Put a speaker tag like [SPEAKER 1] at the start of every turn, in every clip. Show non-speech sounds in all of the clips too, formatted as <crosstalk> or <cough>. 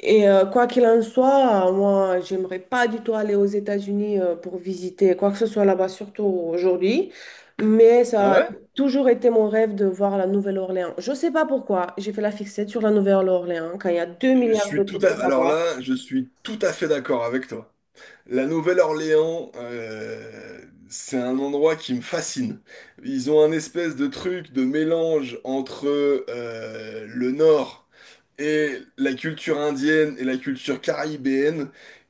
[SPEAKER 1] Et quoi qu'il en soit, moi, j'aimerais pas du tout aller aux États-Unis pour visiter quoi que ce soit là-bas, surtout aujourd'hui. Mais
[SPEAKER 2] Ah
[SPEAKER 1] ça a
[SPEAKER 2] ouais?
[SPEAKER 1] toujours été mon rêve de voir la Nouvelle-Orléans. Je sais pas pourquoi, j'ai fait la fixette sur la Nouvelle-Orléans quand il y a 2
[SPEAKER 2] Je
[SPEAKER 1] milliards
[SPEAKER 2] suis
[SPEAKER 1] d'autres
[SPEAKER 2] tout à...
[SPEAKER 1] trucs à
[SPEAKER 2] Alors
[SPEAKER 1] voir.
[SPEAKER 2] là, je suis tout à fait d'accord avec toi. La Nouvelle-Orléans, c'est un endroit qui me fascine. Ils ont un espèce de truc de mélange entre le Nord et la culture indienne et la culture caribéenne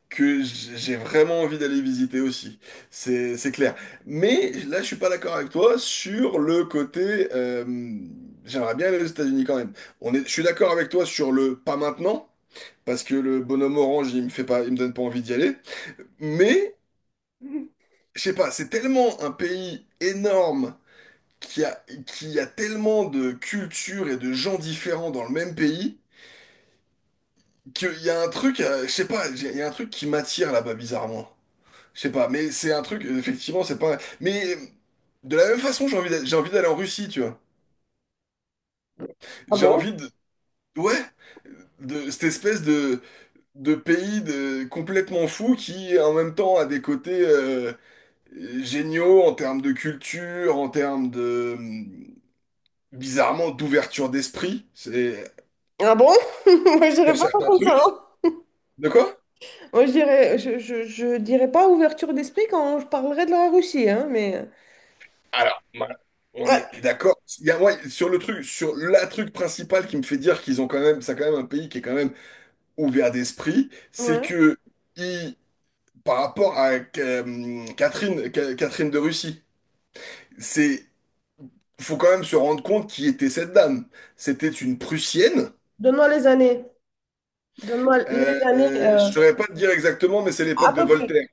[SPEAKER 2] que j'ai vraiment envie d'aller visiter aussi. C'est clair. Mais là, je suis pas d'accord avec toi sur le côté, j'aimerais bien aller aux États-Unis quand même. On est, je suis d'accord avec toi sur le pas maintenant. Parce que le bonhomme orange, il me fait pas, il me donne pas envie d'y aller. Mais, je sais pas, c'est tellement un pays énorme qui a, qui a tellement de cultures et de gens différents dans le même pays qu'il y a un truc, je sais pas, il y a un truc qui m'attire là-bas bizarrement. Je sais pas, mais c'est un truc, effectivement, c'est pas. Mais de la même façon, j'ai envie d'aller en Russie, tu vois.
[SPEAKER 1] Ah
[SPEAKER 2] J'ai
[SPEAKER 1] bon?
[SPEAKER 2] envie de. Ouais, de cette espèce de pays de, complètement fou qui en même temps a des côtés géniaux en termes de culture, en termes de, bizarrement d'ouverture d'esprit c'est
[SPEAKER 1] Ah bon? <laughs> Moi, je dirais
[SPEAKER 2] sur
[SPEAKER 1] pas ça
[SPEAKER 2] certains
[SPEAKER 1] comme ça,
[SPEAKER 2] trucs.
[SPEAKER 1] hein.
[SPEAKER 2] De quoi?
[SPEAKER 1] Moi, je dirais pas ouverture d'esprit quand je parlerai de la Russie, hein, mais...
[SPEAKER 2] Alors, on
[SPEAKER 1] Ouais.
[SPEAKER 2] est d'accord. Il y a, ouais, sur le truc, sur la truc principal qui me fait dire qu'ils ont quand même, c'est quand même un pays qui est quand même ouvert d'esprit, c'est
[SPEAKER 1] Ouais.
[SPEAKER 2] que ils- par rapport à Catherine, Catherine de Russie, c'est faut quand même se rendre compte qui était cette dame. C'était une Prussienne.
[SPEAKER 1] Donne-moi les années. Donne-moi les années
[SPEAKER 2] Je saurais pas te dire exactement, mais c'est
[SPEAKER 1] à
[SPEAKER 2] l'époque de
[SPEAKER 1] peu près.
[SPEAKER 2] Voltaire.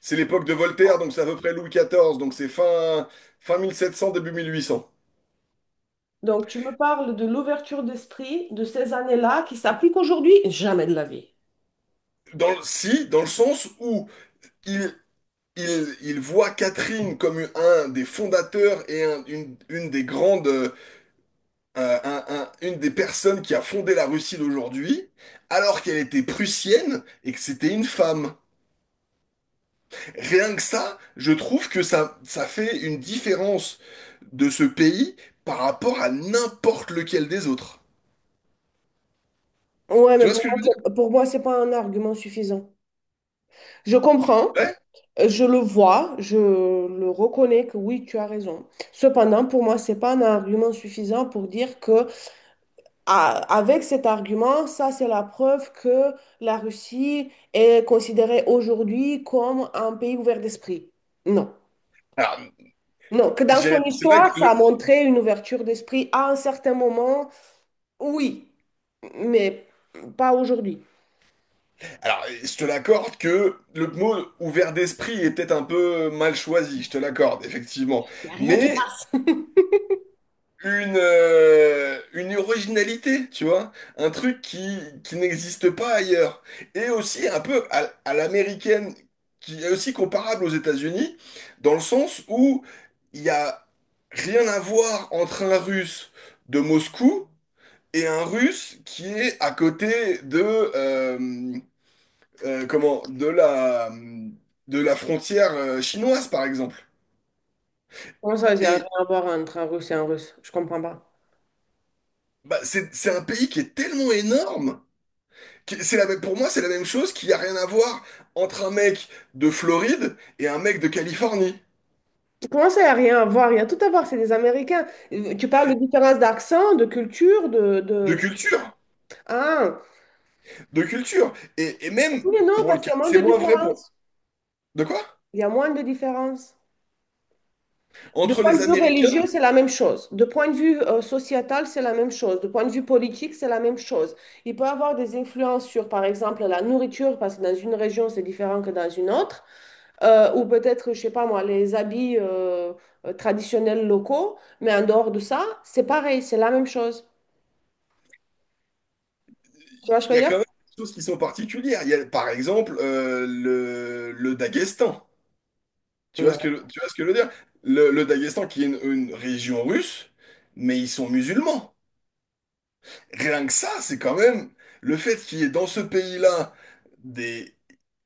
[SPEAKER 2] C'est l'époque de Voltaire, donc c'est à peu près Louis XIV, donc c'est fin, fin 1700, début 1800.
[SPEAKER 1] Donc, tu me parles de l'ouverture d'esprit de ces années-là qui s'applique aujourd'hui? Jamais de la vie.
[SPEAKER 2] Dans le, si, dans le sens où il, il voit Catherine comme un des fondateurs et une des grandes, une des personnes qui a fondé la Russie d'aujourd'hui, alors qu'elle était prussienne et que c'était une femme. Rien que ça, je trouve que ça fait une différence de ce pays par rapport à n'importe lequel des autres.
[SPEAKER 1] Ouais,
[SPEAKER 2] Tu
[SPEAKER 1] mais
[SPEAKER 2] vois ce
[SPEAKER 1] pour
[SPEAKER 2] que je
[SPEAKER 1] moi,
[SPEAKER 2] veux dire?
[SPEAKER 1] pour moi, c'est pas un argument suffisant. Je comprends,
[SPEAKER 2] Ouais.
[SPEAKER 1] je le vois, je le reconnais que oui, tu as raison. Cependant, pour moi, c'est pas un argument suffisant pour dire que ah, avec cet argument, ça, c'est la preuve que la Russie est considérée aujourd'hui comme un pays ouvert d'esprit. Non.
[SPEAKER 2] Alors,
[SPEAKER 1] Non, que dans son
[SPEAKER 2] C'est vrai que
[SPEAKER 1] histoire, ça a
[SPEAKER 2] le...
[SPEAKER 1] montré une ouverture d'esprit à un certain moment. Oui, mais pas aujourd'hui.
[SPEAKER 2] Alors, je te l'accorde que le mot ouvert d'esprit est peut-être un peu mal choisi, je te l'accorde, effectivement.
[SPEAKER 1] Il n'y a rien qui
[SPEAKER 2] Mais
[SPEAKER 1] passe. <laughs>
[SPEAKER 2] une originalité, tu vois, un truc qui n'existe pas ailleurs. Et aussi un peu à l'américaine, qui est aussi comparable aux États-Unis, dans le sens où il n'y a rien à voir entre un Russe de Moscou et un Russe qui est à côté de... euh, comment, de la frontière chinoise, par exemple.
[SPEAKER 1] Comment ça, il n'y a rien
[SPEAKER 2] Et
[SPEAKER 1] à voir entre un Russe et un Russe? Je comprends pas.
[SPEAKER 2] bah, c'est un pays qui est tellement énorme, que c'est la même, pour moi, c'est la même chose qu'il n'y a rien à voir entre un mec de Floride et un mec de Californie.
[SPEAKER 1] Comment ça, il n'y a rien à voir? Il y a tout à voir, c'est des Américains. Tu parles de différence d'accent, de culture, de, de,
[SPEAKER 2] De
[SPEAKER 1] de-
[SPEAKER 2] culture,
[SPEAKER 1] Ah,
[SPEAKER 2] de culture. Et même,
[SPEAKER 1] oui, mais non,
[SPEAKER 2] pour le
[SPEAKER 1] parce qu'il y
[SPEAKER 2] cas,
[SPEAKER 1] a moins
[SPEAKER 2] c'est
[SPEAKER 1] de
[SPEAKER 2] moins vrai pour...
[SPEAKER 1] différence.
[SPEAKER 2] De quoi?
[SPEAKER 1] Il y a moins de différence. De
[SPEAKER 2] Entre
[SPEAKER 1] point
[SPEAKER 2] les
[SPEAKER 1] de vue religieux,
[SPEAKER 2] Américains
[SPEAKER 1] c'est la même chose. De point de vue sociétal, c'est la même chose. De point de vue politique, c'est la même chose. Il peut avoir des influences sur, par exemple, la nourriture, parce que dans une région, c'est différent que dans une autre. Ou peut-être, je sais pas moi, les habits traditionnels locaux, mais en dehors de ça, c'est pareil, c'est la même chose. Tu vois ce que
[SPEAKER 2] il y
[SPEAKER 1] je
[SPEAKER 2] a
[SPEAKER 1] veux
[SPEAKER 2] quand
[SPEAKER 1] dire?
[SPEAKER 2] même des choses qui sont particulières. Il y a, par exemple, le Daghestan.
[SPEAKER 1] Ouais.
[SPEAKER 2] Tu vois ce que je veux dire? Le Daghestan qui est une région russe, mais ils sont musulmans. Rien que ça, c'est quand même le fait qu'il y ait dans ce pays-là des,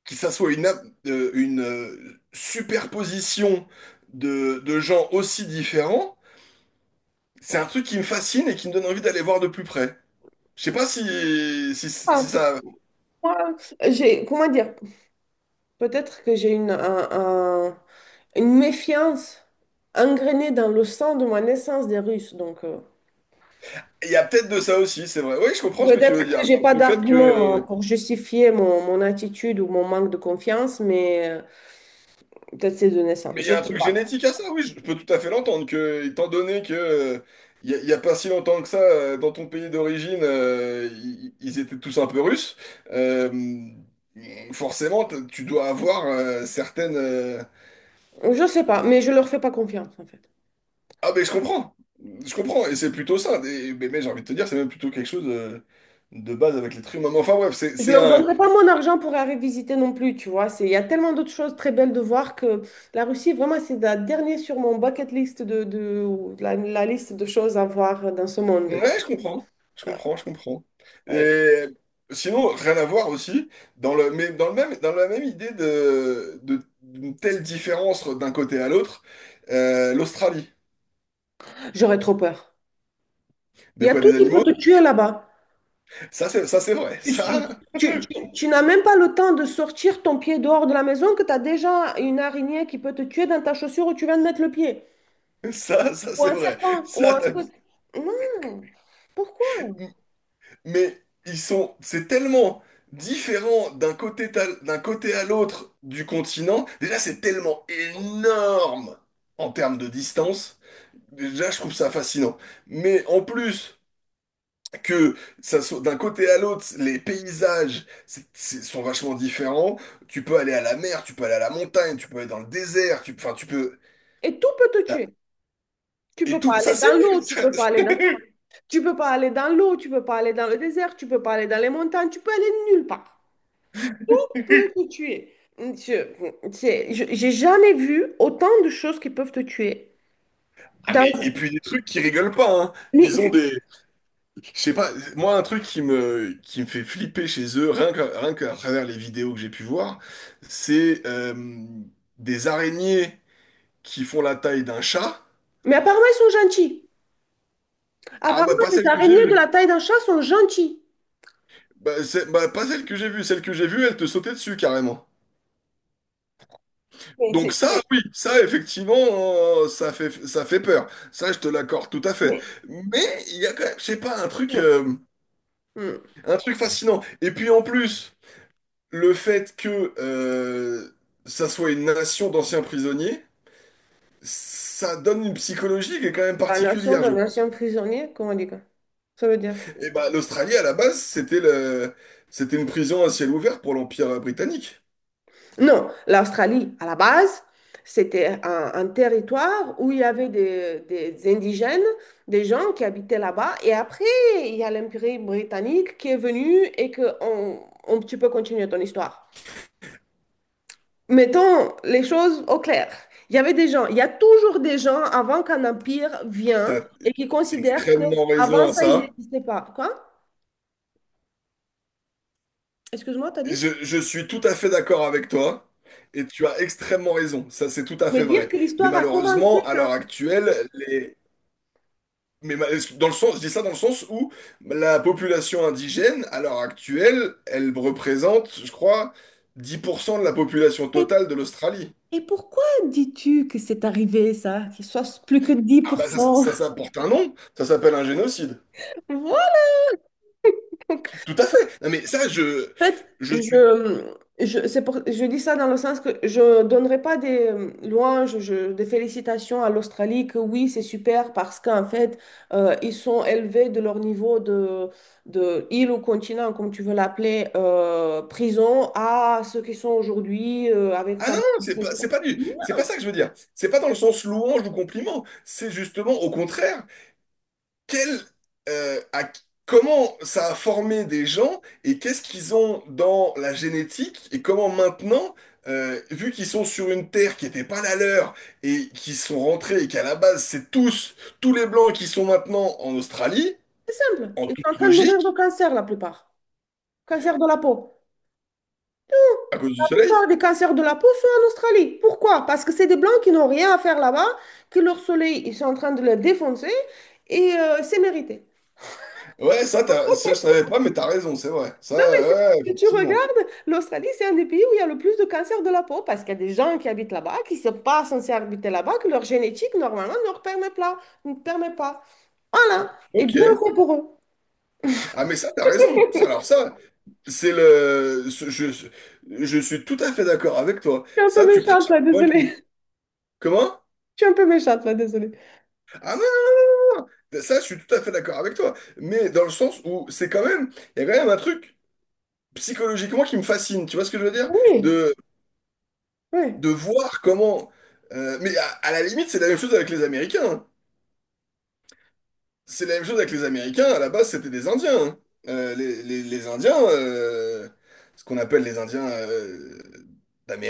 [SPEAKER 2] que ça soit une, une superposition de gens aussi différents, c'est un truc qui me fascine et qui me donne envie d'aller voir de plus près. Je sais pas si, si,
[SPEAKER 1] Ah,
[SPEAKER 2] si ça,
[SPEAKER 1] moi, j'ai, comment dire? Peut-être que j'ai un- une méfiance ingrénée dans le sang de ma naissance des Russes. Donc,
[SPEAKER 2] il y a peut-être de ça aussi, c'est vrai. Oui, je comprends ce que tu
[SPEAKER 1] peut-être
[SPEAKER 2] veux
[SPEAKER 1] que
[SPEAKER 2] dire.
[SPEAKER 1] j'ai pas
[SPEAKER 2] Du fait
[SPEAKER 1] d'argument
[SPEAKER 2] que.
[SPEAKER 1] pour justifier mon attitude ou mon manque de confiance, mais peut-être c'est de naissance.
[SPEAKER 2] Mais il y
[SPEAKER 1] Je
[SPEAKER 2] a un
[SPEAKER 1] sais
[SPEAKER 2] truc
[SPEAKER 1] pas.
[SPEAKER 2] génétique à ça, oui, je peux tout à fait l'entendre. Que, étant donné que, il n'y a, il y a pas si longtemps que ça, dans ton pays d'origine, ils, ils étaient tous un peu russes, euh, forcément, tu dois avoir certaines,
[SPEAKER 1] Je sais pas, mais je leur fais pas confiance, en fait.
[SPEAKER 2] ah, mais je comprends. Je comprends. Et c'est plutôt ça. Mais j'ai envie de te dire, c'est même plutôt quelque chose de base avec l'être humain. Mais enfin, bref,
[SPEAKER 1] Je
[SPEAKER 2] c'est
[SPEAKER 1] leur
[SPEAKER 2] un.
[SPEAKER 1] donnerai pas mon argent pour aller visiter non plus, tu vois. Il y a tellement d'autres choses très belles de voir que la Russie, vraiment, c'est la dernière sur mon bucket list ou la liste de choses à voir dans ce monde.
[SPEAKER 2] Ouais, je comprends. Je comprends.
[SPEAKER 1] Euh,
[SPEAKER 2] Et sinon, rien à voir aussi, dans le, mais dans le même, dans la même idée de, d'une telle différence d'un côté à l'autre, l'Australie.
[SPEAKER 1] J'aurais trop peur. Il
[SPEAKER 2] De
[SPEAKER 1] y a
[SPEAKER 2] quoi
[SPEAKER 1] tout
[SPEAKER 2] des
[SPEAKER 1] qui peut
[SPEAKER 2] animaux?
[SPEAKER 1] te tuer là-bas.
[SPEAKER 2] Ça, c'est vrai.
[SPEAKER 1] Tu,
[SPEAKER 2] Ça,
[SPEAKER 1] tu n'as même pas le temps de sortir ton pied dehors de la maison que tu as déjà une araignée qui peut te tuer dans ta chaussure où tu viens de mettre le pied.
[SPEAKER 2] <laughs> ça,
[SPEAKER 1] Ou
[SPEAKER 2] c'est
[SPEAKER 1] un
[SPEAKER 2] vrai.
[SPEAKER 1] serpent, ou
[SPEAKER 2] Ça,
[SPEAKER 1] un truc. Non, pourquoi?
[SPEAKER 2] mais ils sont, c'est tellement différent d'un côté, d'un côté à l'autre du continent. Déjà, c'est tellement énorme en termes de distance. Déjà, je trouve ça fascinant. Mais en plus que ça soit d'un côté à l'autre, les paysages sont vachement différents. Tu peux aller à la mer, tu peux aller à la montagne, tu peux aller dans le désert, tu, enfin, tu peux.
[SPEAKER 1] Et tout peut te tuer. Tu peux
[SPEAKER 2] Et
[SPEAKER 1] pas
[SPEAKER 2] tout,
[SPEAKER 1] aller
[SPEAKER 2] ça c'est
[SPEAKER 1] dans l'eau, tu
[SPEAKER 2] vrai.
[SPEAKER 1] peux pas aller
[SPEAKER 2] <laughs>
[SPEAKER 1] dans. Tu peux pas aller dans l'eau, tu peux pas aller dans le désert, tu peux pas aller dans les montagnes, tu peux aller nulle part. Peu te tuer. J'ai jamais vu autant de choses qui peuvent te tuer.
[SPEAKER 2] Ah
[SPEAKER 1] Dans-
[SPEAKER 2] mais et puis des trucs qui rigolent pas, hein. Ils ont
[SPEAKER 1] Mais,
[SPEAKER 2] des, je sais pas, moi un truc qui me fait flipper chez eux, rien que, rien qu'à travers les vidéos que j'ai pu voir, c'est des araignées qui font la taille d'un chat.
[SPEAKER 1] mais apparemment, ils sont gentils.
[SPEAKER 2] Ah
[SPEAKER 1] Apparemment,
[SPEAKER 2] bah pas
[SPEAKER 1] les
[SPEAKER 2] celle que j'ai
[SPEAKER 1] araignées de
[SPEAKER 2] vue.
[SPEAKER 1] la taille d'un chat sont gentilles.
[SPEAKER 2] Bah, pas celle que j'ai vue, celle que j'ai vue, elle te sautait dessus carrément.
[SPEAKER 1] Mais
[SPEAKER 2] Donc
[SPEAKER 1] c'est...
[SPEAKER 2] ça,
[SPEAKER 1] c'est-
[SPEAKER 2] oui, ça effectivement, ça fait peur. Ça, je te l'accorde tout à fait.
[SPEAKER 1] mais-
[SPEAKER 2] Mais il y a quand même, je sais pas,
[SPEAKER 1] mais- Hmm.
[SPEAKER 2] un truc fascinant. Et puis en plus... le fait que ça soit une nation d'anciens prisonniers, ça donne une psychologie qui est quand même
[SPEAKER 1] La nation
[SPEAKER 2] particulière, je
[SPEAKER 1] d'un
[SPEAKER 2] pense.
[SPEAKER 1] ancien prisonnier, comment on dit quoi? Ça veut dire...
[SPEAKER 2] Et bah, l'Australie, à la base, c'était le... c'était une prison à ciel ouvert pour l'Empire britannique.
[SPEAKER 1] Non, l'Australie, à la base, c'était un territoire où il y avait des indigènes, des gens qui habitaient là-bas. Et après, il y a l'Empire britannique qui est venu et que tu peux continuer ton histoire. Mettons les choses au clair. Il y avait des gens, il y a toujours des gens avant qu'un empire vienne
[SPEAKER 2] T'as
[SPEAKER 1] et qui considèrent que
[SPEAKER 2] extrêmement
[SPEAKER 1] avant
[SPEAKER 2] raison à
[SPEAKER 1] ça, il
[SPEAKER 2] ça.
[SPEAKER 1] n'existait pas. Quoi? Excuse-moi, t'as dit?
[SPEAKER 2] Je suis tout à fait d'accord avec toi. Et tu as extrêmement raison, ça c'est tout à
[SPEAKER 1] Mais
[SPEAKER 2] fait
[SPEAKER 1] dire
[SPEAKER 2] vrai.
[SPEAKER 1] que
[SPEAKER 2] Mais
[SPEAKER 1] l'histoire a commencé
[SPEAKER 2] malheureusement, à
[SPEAKER 1] quand.
[SPEAKER 2] l'heure actuelle, les, Mais ma- dans le sens, je dis ça dans le sens où la population indigène, à l'heure actuelle, elle représente, je crois, 10% de la population totale de l'Australie.
[SPEAKER 1] Et pourquoi dis-tu que c'est arrivé ça, qu'il soit plus que
[SPEAKER 2] Ah bah ça,
[SPEAKER 1] 10%?
[SPEAKER 2] ça, ça porte un nom, ça s'appelle un génocide.
[SPEAKER 1] Voilà. Donc,
[SPEAKER 2] Tout à fait. Non mais ça,
[SPEAKER 1] en fait,
[SPEAKER 2] je suis.
[SPEAKER 1] c'est je dis ça dans le sens que je ne donnerai pas des louanges, des félicitations à l'Australie, que oui, c'est super parce qu'en fait, ils sont élevés de leur niveau de île ou continent, comme tu veux l'appeler, prison, à ce qu'ils sont aujourd'hui avec
[SPEAKER 2] Ah
[SPEAKER 1] ça.
[SPEAKER 2] non, non, c'est pas du, c'est pas ça que je veux dire. C'est pas dans le sens louange ou compliment. C'est justement au contraire. Quel, euh, à- comment ça a formé des gens et qu'est-ce qu'ils ont dans la génétique et comment maintenant, vu qu'ils sont sur une terre qui n'était pas la leur et qui sont rentrés et qu'à la base tous les Blancs qui sont maintenant en Australie,
[SPEAKER 1] C'est simple.
[SPEAKER 2] en
[SPEAKER 1] Ils
[SPEAKER 2] toute
[SPEAKER 1] sont en train de mourir de
[SPEAKER 2] logique,
[SPEAKER 1] cancer, la plupart. Cancer de la peau.
[SPEAKER 2] à cause du soleil.
[SPEAKER 1] Plupart des cancers de la peau sont en Australie. Pourquoi? Parce que c'est des Blancs qui n'ont rien à faire là-bas, que leur soleil, ils sont en train de le défoncer et c'est mérité.
[SPEAKER 2] Ouais, ça, ça je savais pas, mais t'as raison, c'est vrai. Ça,
[SPEAKER 1] Non, mais
[SPEAKER 2] ouais,
[SPEAKER 1] si tu
[SPEAKER 2] effectivement.
[SPEAKER 1] regardes, l'Australie, c'est un des pays où il y a le plus de cancers de la peau parce qu'il y a des gens qui habitent là-bas, qui ne sont pas censés habiter là-bas, que leur génétique, normalement, ne leur permet pas. Ne permet pas. Voilà. Et
[SPEAKER 2] Ok.
[SPEAKER 1] bien fait pour eux.
[SPEAKER 2] Ah, mais ça, t'as raison. Ça, alors ça. C'est le. Je suis tout à fait d'accord avec toi.
[SPEAKER 1] Je suis un
[SPEAKER 2] Ça,
[SPEAKER 1] peu
[SPEAKER 2] tu prêches
[SPEAKER 1] méchante là,
[SPEAKER 2] un
[SPEAKER 1] désolée.
[SPEAKER 2] convaincu.
[SPEAKER 1] <laughs>
[SPEAKER 2] Comment?
[SPEAKER 1] Je suis un peu méchante là, désolée.
[SPEAKER 2] Ah non, ça, je suis tout à fait d'accord avec toi. Mais dans le sens où c'est quand même. Il y a quand même un truc psychologiquement qui me fascine. Tu vois ce que je veux dire?
[SPEAKER 1] Oui,
[SPEAKER 2] De,
[SPEAKER 1] oui.
[SPEAKER 2] de voir comment, mais à la limite, c'est la même chose avec les Américains, hein. C'est la même chose avec les Américains. À la base, c'était des Indiens, hein. Les Indiens, ce qu'on appelle les Indiens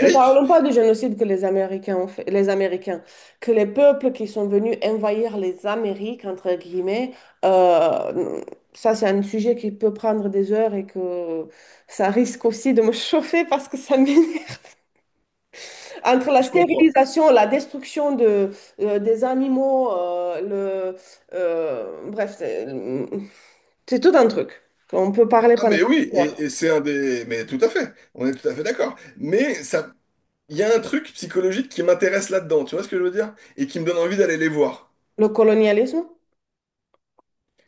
[SPEAKER 1] Ne parlons pas du génocide que les Américains ont fait, les Américains, que les peuples qui sont venus envahir les Amériques, entre guillemets, euh, ça c'est un sujet qui peut prendre des heures et que ça risque aussi de me <laughs> chauffer parce que ça m'énerve. <laughs> Entre la
[SPEAKER 2] Je comprends.
[SPEAKER 1] stérilisation, la destruction de, des animaux, bref, c'est tout un truc qu'on peut parler
[SPEAKER 2] Ah
[SPEAKER 1] pendant
[SPEAKER 2] mais oui,
[SPEAKER 1] des heures.
[SPEAKER 2] et c'est un des... Mais tout à fait, on est tout à fait d'accord. Mais ça, il y a un truc psychologique qui m'intéresse là-dedans, tu vois ce que je veux dire? Et qui me donne envie d'aller les voir.
[SPEAKER 1] Le colonialisme.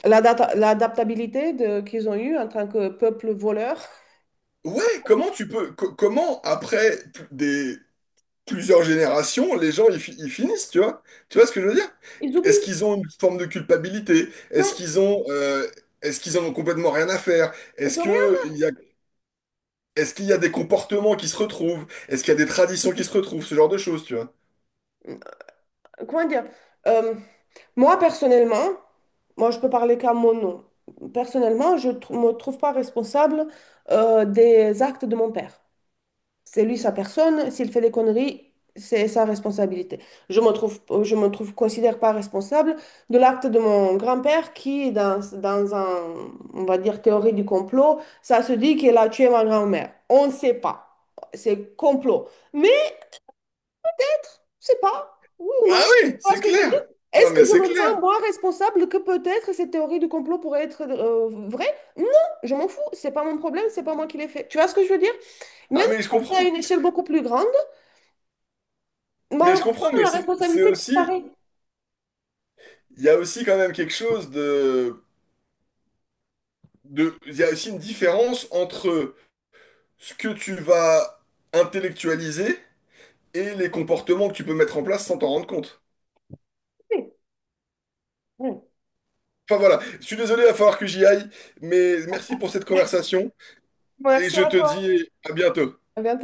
[SPEAKER 1] L'adaptabilité de- qu'ils ont eue en tant que peuple voleur.
[SPEAKER 2] Ouais, comment tu peux... comment après des... plusieurs générations, les gens, ils, ils finissent, tu vois? Tu vois ce que je veux dire?
[SPEAKER 1] Ils
[SPEAKER 2] Est-ce
[SPEAKER 1] oublient.
[SPEAKER 2] qu'ils ont une forme de culpabilité?
[SPEAKER 1] Non,
[SPEAKER 2] Est-ce qu'ils ont... est-ce qu'ils en ont complètement rien à faire? Est-ce
[SPEAKER 1] ils ont rien.
[SPEAKER 2] que il y a, est-ce qu'il y a des comportements qui se retrouvent? Est-ce qu'il y a des traditions qui se retrouvent? Ce genre de choses, tu vois.
[SPEAKER 1] Comment dire? Euh, Moi, personnellement, moi, je peux parler qu'à mon nom. Personnellement, je ne me trouve pas responsable des actes de mon père. C'est lui sa personne. S'il fait des conneries, c'est sa responsabilité. Considère pas responsable de l'acte de mon grand-père qui, dans un, on va dire, théorie du complot, ça se dit qu'il a tué ma grand-mère. On ne sait pas. C'est complot. Mais je sais pas, oui ou
[SPEAKER 2] Bah
[SPEAKER 1] non. Tu
[SPEAKER 2] oui,
[SPEAKER 1] vois
[SPEAKER 2] c'est
[SPEAKER 1] ce que je veux dire?
[SPEAKER 2] clair. Non,
[SPEAKER 1] Est-ce que
[SPEAKER 2] mais
[SPEAKER 1] je
[SPEAKER 2] c'est
[SPEAKER 1] me
[SPEAKER 2] clair.
[SPEAKER 1] sens moins responsable que peut-être cette théorie du complot pourrait être vraie? Non, je m'en fous. C'est pas mon problème. C'est pas moi qui l'ai fait. Tu vois ce que je veux dire? Même
[SPEAKER 2] Ah,
[SPEAKER 1] si
[SPEAKER 2] mais je
[SPEAKER 1] c'est à
[SPEAKER 2] comprends.
[SPEAKER 1] une échelle beaucoup plus grande.
[SPEAKER 2] Mais je
[SPEAKER 1] Malheureusement,
[SPEAKER 2] comprends, mais
[SPEAKER 1] la
[SPEAKER 2] c'est
[SPEAKER 1] responsabilité
[SPEAKER 2] aussi.
[SPEAKER 1] disparaît.
[SPEAKER 2] Il y a aussi quand même quelque chose de, de. Il y a aussi une différence entre ce que tu vas intellectualiser et les comportements que tu peux mettre en place sans t'en rendre compte.
[SPEAKER 1] Oui.
[SPEAKER 2] Enfin voilà, je suis désolé, il va falloir que j'y aille, mais merci pour cette conversation et
[SPEAKER 1] Merci
[SPEAKER 2] je
[SPEAKER 1] à
[SPEAKER 2] te
[SPEAKER 1] toi.
[SPEAKER 2] dis à bientôt.
[SPEAKER 1] À bientôt.